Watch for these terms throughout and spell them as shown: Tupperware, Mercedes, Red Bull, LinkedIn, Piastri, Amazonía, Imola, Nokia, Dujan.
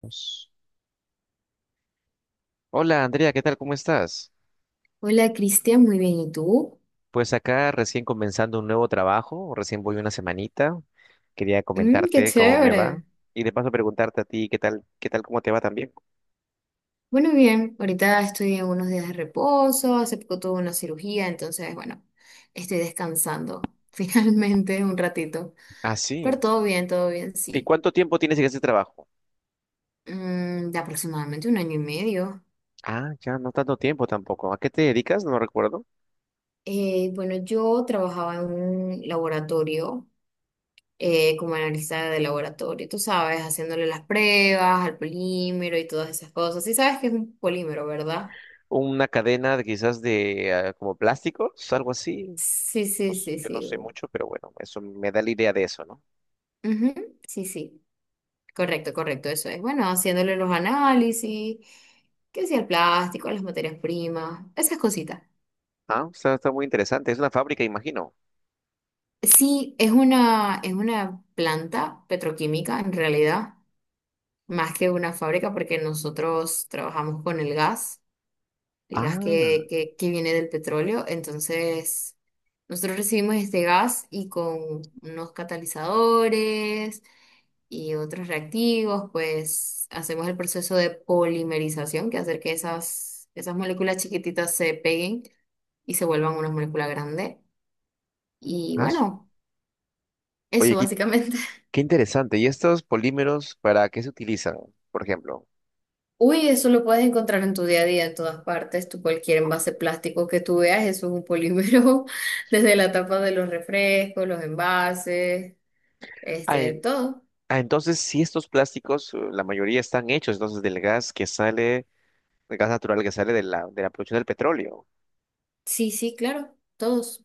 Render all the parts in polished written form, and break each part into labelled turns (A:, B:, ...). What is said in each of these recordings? A: Pues, Hola Andrea, ¿qué tal? ¿Cómo estás?
B: Hola Cristian, muy bien. ¿Y tú?
A: Pues acá recién comenzando un nuevo trabajo, recién voy una semanita. Quería
B: Mm, qué
A: comentarte cómo me va
B: chévere.
A: y de paso preguntarte a ti qué tal, cómo te va también.
B: Bueno, bien, ahorita estoy en unos días de reposo, hace poco tuve una cirugía, entonces, bueno, estoy descansando finalmente un ratito.
A: Ah,
B: Pero
A: sí.
B: todo bien,
A: ¿Y
B: sí.
A: cuánto tiempo tienes en ese trabajo?
B: De aproximadamente un año y medio.
A: Ah, ya no tanto tiempo tampoco. ¿A qué te dedicas? No recuerdo.
B: Bueno, yo trabajaba en un laboratorio, como analista de laboratorio, tú sabes, haciéndole las pruebas al polímero y todas esas cosas. ¿Sí sabes que es un polímero, verdad?
A: Una quizás de como plásticos, algo así.
B: Sí,
A: No
B: sí,
A: sé,
B: sí,
A: yo no
B: sí.
A: sé mucho, pero bueno, eso me da la idea de eso, ¿no?
B: Ujú. Sí, sí. Correcto, correcto, eso es. Bueno, haciéndole los análisis, que sea el plástico, las materias primas, esas cositas.
A: Ah, está muy interesante. Es una fábrica, imagino.
B: Sí, es una planta petroquímica en realidad, más que una fábrica, porque nosotros trabajamos con el gas. El gas
A: Ah,
B: que viene del petróleo. Entonces, nosotros recibimos este gas y con unos catalizadores y otros reactivos, pues hacemos el proceso de polimerización, que hacer que esas moléculas chiquititas se peguen y se vuelvan una molécula grande. Y
A: ah, su-
B: bueno,
A: Oye,
B: eso básicamente.
A: qué interesante. ¿Y estos polímeros para qué se utilizan, por ejemplo?
B: Uy, eso lo puedes encontrar en tu día a día, en todas partes. Tú cualquier envase plástico que tú veas, eso es un polímero, desde la tapa de los refrescos, los envases,
A: Ah, en-
B: todo.
A: entonces, si estos plásticos, la mayoría están hechos entonces del gas que sale, el gas natural que sale de de la producción del petróleo.
B: Sí, sí, claro, todos.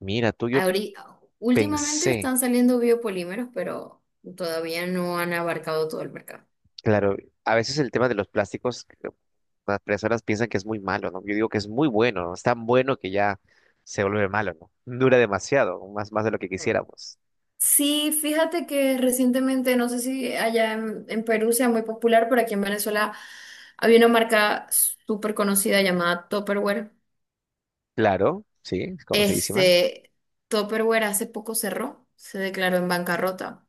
A: Mira, tú yo
B: Ahori- Últimamente
A: pensé,
B: están saliendo biopolímeros, pero todavía no han abarcado todo el mercado.
A: claro, a veces el tema de los plásticos, las personas piensan que es muy malo, ¿no? Yo digo que es muy bueno, ¿no? Es tan bueno que ya se vuelve malo, ¿no? Dura demasiado, más de lo que
B: Mm.
A: quisiéramos.
B: Sí, fíjate que recientemente, no sé si allá en Perú sea muy popular, pero aquí en Venezuela había una marca súper conocida llamada Tupperware.
A: Claro, sí, es conocidísima.
B: Este, Tupperware hace poco cerró, se declaró en bancarrota.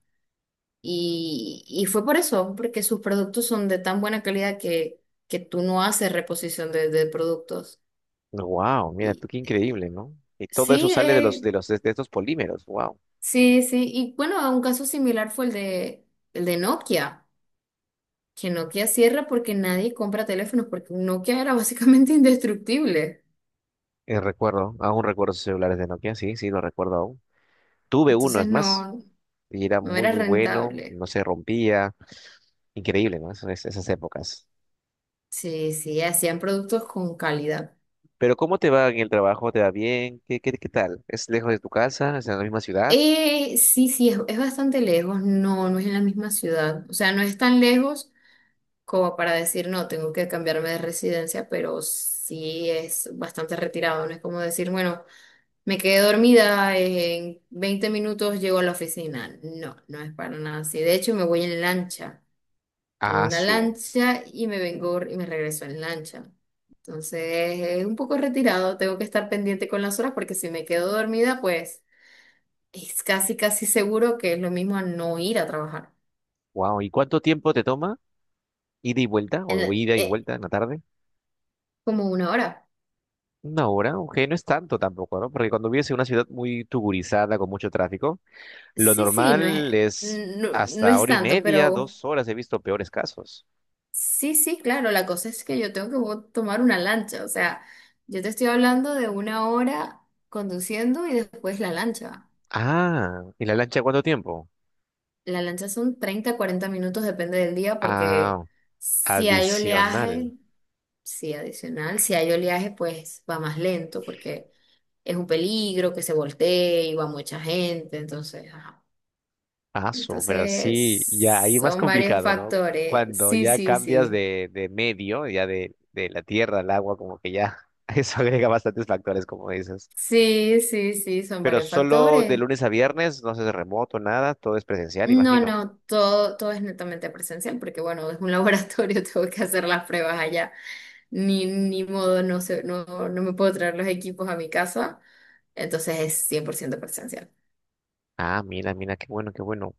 B: Y fue por eso, porque sus productos son de tan buena calidad que tú no haces reposición de productos.
A: Wow, mira tú
B: Y
A: qué increíble, ¿no? Y todo eso
B: sí,
A: sale de los de los de estos polímeros. Wow.
B: sí, sí. Y bueno, un caso similar fue el de Nokia, que Nokia cierra porque nadie compra teléfonos, porque Nokia era básicamente indestructible.
A: Recuerdo, aún recuerdo esos celulares de Nokia, sí, sí, lo recuerdo aún. Tuve uno,
B: Entonces
A: es más,
B: no,
A: y era
B: no
A: muy
B: era
A: muy bueno,
B: rentable.
A: no se rompía. Increíble, ¿no? Esas épocas.
B: Sí, sí, hacían productos con calidad.
A: Pero ¿cómo te va en el trabajo? ¿Te va bien? Qué tal? ¿Es lejos de tu casa? ¿Es en la misma ciudad?
B: Sí, sí, es bastante lejos, no, no es en la misma ciudad, o sea, no es tan lejos como para decir, no, tengo que cambiarme de residencia, pero sí es bastante retirado, no es como decir, bueno, me quedé dormida, en 20 minutos llego a la oficina, no, no es para nada así, de hecho me voy en lancha, tomo
A: Ah,
B: una
A: su.
B: lancha y me vengo y me regreso en lancha. Entonces, es un poco retirado, tengo que estar pendiente con las horas porque si me quedo dormida, pues es casi, casi seguro que es lo mismo a no ir a trabajar.
A: Wow. ¿Y cuánto tiempo te toma? ¿Ida y vuelta?
B: En
A: ¿O
B: la-
A: ida y
B: eh,
A: vuelta en la tarde?
B: Como una hora.
A: Una hora, ok, no es tanto tampoco, ¿no? Porque cuando vives en una ciudad muy tugurizada, con mucho tráfico, lo
B: Sí, sí, no es,
A: normal es
B: no, no
A: hasta
B: es
A: hora y
B: tanto,
A: media,
B: pero
A: dos horas. He visto peores casos.
B: sí, sí, claro, la cosa es que yo tengo que tomar una lancha. O sea, yo te estoy hablando de una hora conduciendo y después la lancha.
A: Ah, ¿y la lancha cuánto tiempo?
B: La lancha son 30-40 minutos, depende del día, porque
A: Ah,
B: si hay
A: adicional.
B: oleaje, sí, adicional, si hay oleaje, pues va más lento, porque es un peligro que se voltee y va mucha gente, entonces, ajá.
A: Ah, su, pero sí, ya
B: Entonces,
A: ahí más
B: son varios
A: complicado, ¿no?
B: factores.
A: Cuando
B: Sí,
A: ya
B: sí,
A: cambias
B: sí.
A: de medio, ya de la tierra al agua, como que ya eso agrega bastantes factores, como dices.
B: Sí, sí, sí, son
A: Pero
B: varios
A: solo de
B: factores.
A: lunes a viernes, no se hace remoto, nada, todo es presencial,
B: No,
A: imagino.
B: no, todo, todo es netamente presencial, porque bueno, es un laboratorio, tengo que hacer las pruebas allá. Ni modo, no sé, no, no me puedo traer los equipos a mi casa, entonces es 100% presencial.
A: Ah, mira, mira, qué bueno, qué bueno.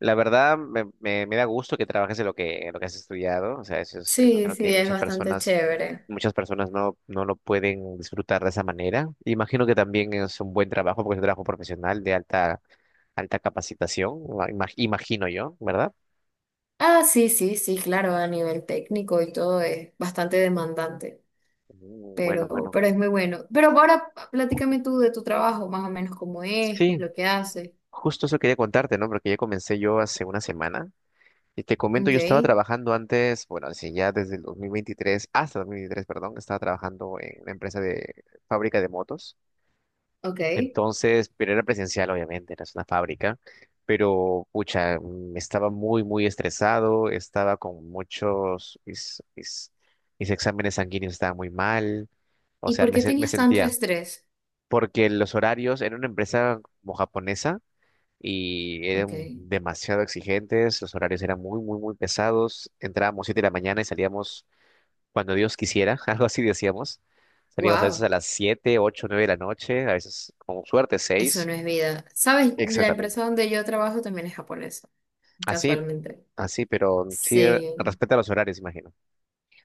A: La verdad, me da gusto que trabajes en lo que has estudiado. O sea, eso es, eso
B: Sí,
A: creo que
B: sí, es bastante chévere.
A: muchas personas no, no lo pueden disfrutar de esa manera. Imagino que también es un buen trabajo, porque es un trabajo profesional de alta, alta capacitación, imagino yo, ¿verdad?
B: Ah, sí, sí, sí, claro, a nivel técnico y todo es bastante demandante,
A: Mm, bueno, bueno.
B: pero es muy bueno. Pero ahora platícame tú de tu trabajo, más o menos cómo es, qué es
A: Sí,
B: lo que haces.
A: justo eso quería contarte, ¿no? Porque ya comencé yo hace una semana. Y te comento,
B: Ok,
A: yo estaba trabajando antes, bueno, así ya desde el 2023, hasta 2023, perdón, estaba trabajando en una empresa de fábrica de motos.
B: ok.
A: Entonces, pero era presencial, obviamente, era una fábrica. Pero, pucha, estaba muy, muy estresado, estaba con muchos, mis exámenes sanguíneos estaban muy mal. O
B: ¿Y
A: sea,
B: por qué
A: me
B: tenías tanto
A: sentía,
B: estrés?
A: porque los horarios, era una empresa como japonesa, y
B: Ok,
A: eran demasiado exigentes, los horarios eran muy, muy pesados, entrábamos 7 de la mañana y salíamos cuando Dios quisiera, algo así decíamos, salíamos a veces a
B: wow,
A: las 7 8 9 de la noche, a veces con suerte
B: eso
A: 6
B: no es vida. ¿Sabes? La
A: exactamente,
B: empresa donde yo trabajo también es japonesa,
A: así,
B: casualmente.
A: así, pero sí
B: Sí.
A: respeta los horarios, imagino.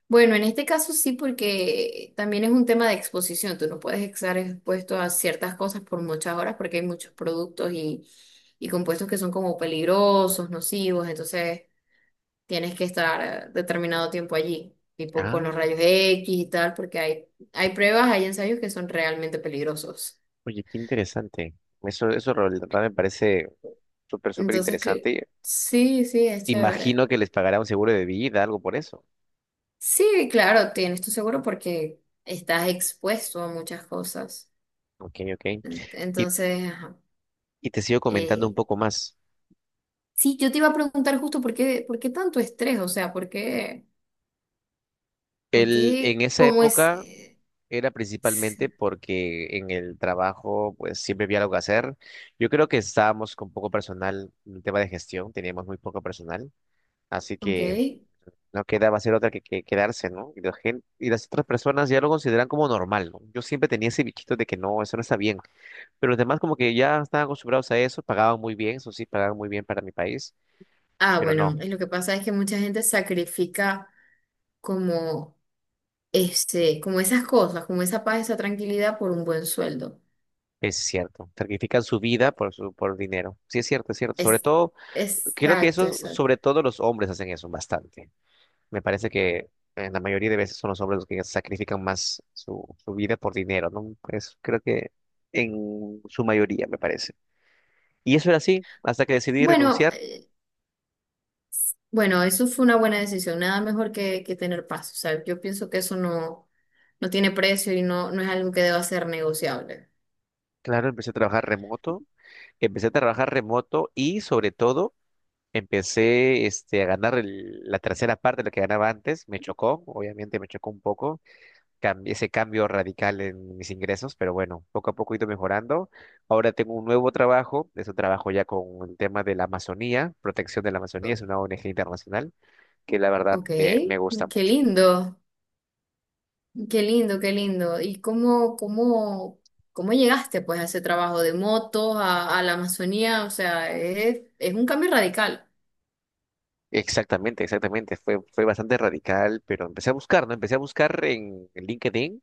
B: Bueno, en este caso sí, porque también es un tema de exposición. Tú no puedes estar expuesto a ciertas cosas por muchas horas porque hay muchos productos y compuestos que son como peligrosos, nocivos. Entonces tienes que estar determinado tiempo allí, tipo con
A: Ah,
B: los rayos X y tal, porque hay pruebas, hay ensayos que son realmente peligrosos.
A: oye, qué interesante, eso la verdad me parece súper, súper
B: Entonces, que,
A: interesante.
B: sí, sí, es chévere.
A: Imagino que les pagará un seguro de vida, algo por eso.
B: Sí, claro, tienes tu seguro porque estás expuesto a muchas cosas.
A: Ok, ok.
B: Ent-
A: Y,
B: Entonces, ajá.
A: y te sigo comentando un
B: eh,
A: poco más.
B: Sí, yo te iba a preguntar justo por qué tanto estrés, o sea, por qué,
A: En esa
B: cómo es,
A: época era principalmente
B: s-
A: porque en el trabajo pues siempre había algo que hacer. Yo creo que estábamos con poco personal en el tema de gestión, teníamos muy poco personal, así
B: ok.
A: que no quedaba hacer otra que quedarse, ¿no? Y las otras personas ya lo consideran como normal, ¿no? Yo siempre tenía ese bichito de que no, eso no está bien, pero los demás como que ya estaban acostumbrados a eso, pagaban muy bien, eso sí, pagaban muy bien para mi país,
B: Ah,
A: pero
B: bueno,
A: no.
B: y lo que pasa es que mucha gente sacrifica como como esas cosas, como esa paz, esa tranquilidad por un buen sueldo.
A: Es cierto, sacrifican su vida por por dinero. Sí, es cierto, es cierto. Sobre
B: Es,
A: todo creo que
B: exacto,
A: eso,
B: exacto.
A: sobre todo los hombres hacen eso bastante. Me parece que en la mayoría de veces son los hombres los que sacrifican más su, su vida por dinero, ¿no? Pues creo que en su mayoría, me parece. Y eso era así, hasta que decidí
B: Bueno,
A: renunciar.
B: bueno, eso fue una buena decisión, nada mejor que tener paz, o sea, yo pienso que eso no, no tiene precio y no, no es algo que deba ser negociable.
A: Claro, empecé a trabajar remoto, y sobre todo empecé a ganar la tercera parte de lo que ganaba antes. Me chocó, obviamente me chocó un poco ese cambio radical en mis ingresos, pero bueno, poco a poco he ido mejorando. Ahora tengo un nuevo trabajo, es un trabajo ya con el tema de la Amazonía, protección de la Amazonía, es una ONG internacional que la verdad
B: Ok,
A: me, me gusta
B: qué
A: mucho.
B: lindo. Qué lindo, qué lindo. ¿Y cómo, cómo, cómo llegaste pues a ese trabajo de motos, a la Amazonía? O sea, es un cambio radical.
A: Exactamente, exactamente, fue bastante radical, pero empecé a buscar, ¿no? Empecé a buscar en LinkedIn,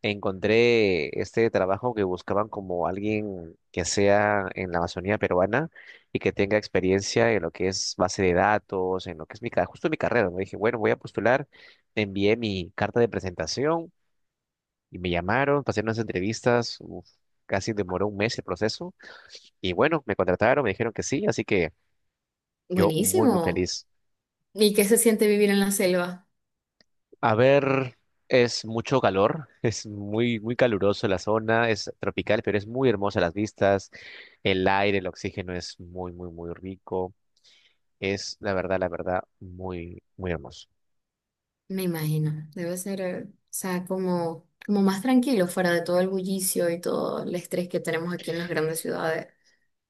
A: encontré este trabajo que buscaban como alguien que sea en la Amazonía peruana y que tenga experiencia en lo que es base de datos, en lo que es justo mi carrera, ¿no? Dije, bueno, voy a postular, envié mi carta de presentación y me llamaron, pasé unas entrevistas, uf, casi demoró un mes el proceso y bueno, me contrataron, me dijeron que sí, así que yo muy, muy
B: Buenísimo.
A: feliz.
B: ¿Y qué se siente vivir en la selva?
A: A ver, es mucho calor, es muy, muy caluroso la zona, es tropical, pero es muy hermosa las vistas, el aire, el oxígeno es muy, muy, muy rico, es la verdad, muy, muy hermoso.
B: Me imagino. Debe ser, o sea, como, como más tranquilo, fuera de todo el bullicio y todo el estrés que tenemos aquí en las grandes ciudades.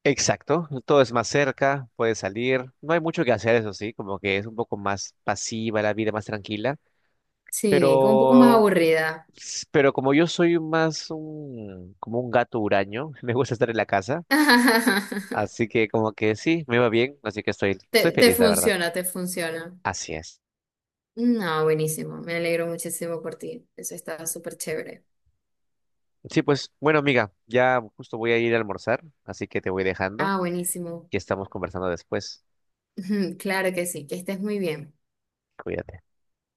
A: Exacto, todo es más cerca, puedes salir, no hay mucho que hacer, eso sí, como que es un poco más pasiva la vida, más tranquila,
B: Sí, como un poco más
A: pero,
B: aburrida.
A: pero como yo soy más como un gato huraño, me gusta estar en la casa. Así que como que sí, me va bien, así que estoy, estoy
B: Te
A: feliz, la verdad.
B: funciona, te funciona.
A: Así es.
B: No, buenísimo. Me alegro muchísimo por ti. Eso está súper chévere.
A: Sí, pues bueno, amiga, ya justo voy a ir a almorzar, así que te voy dejando
B: Ah, buenísimo.
A: y estamos conversando después.
B: Claro que sí, que estés muy bien.
A: Cuídate.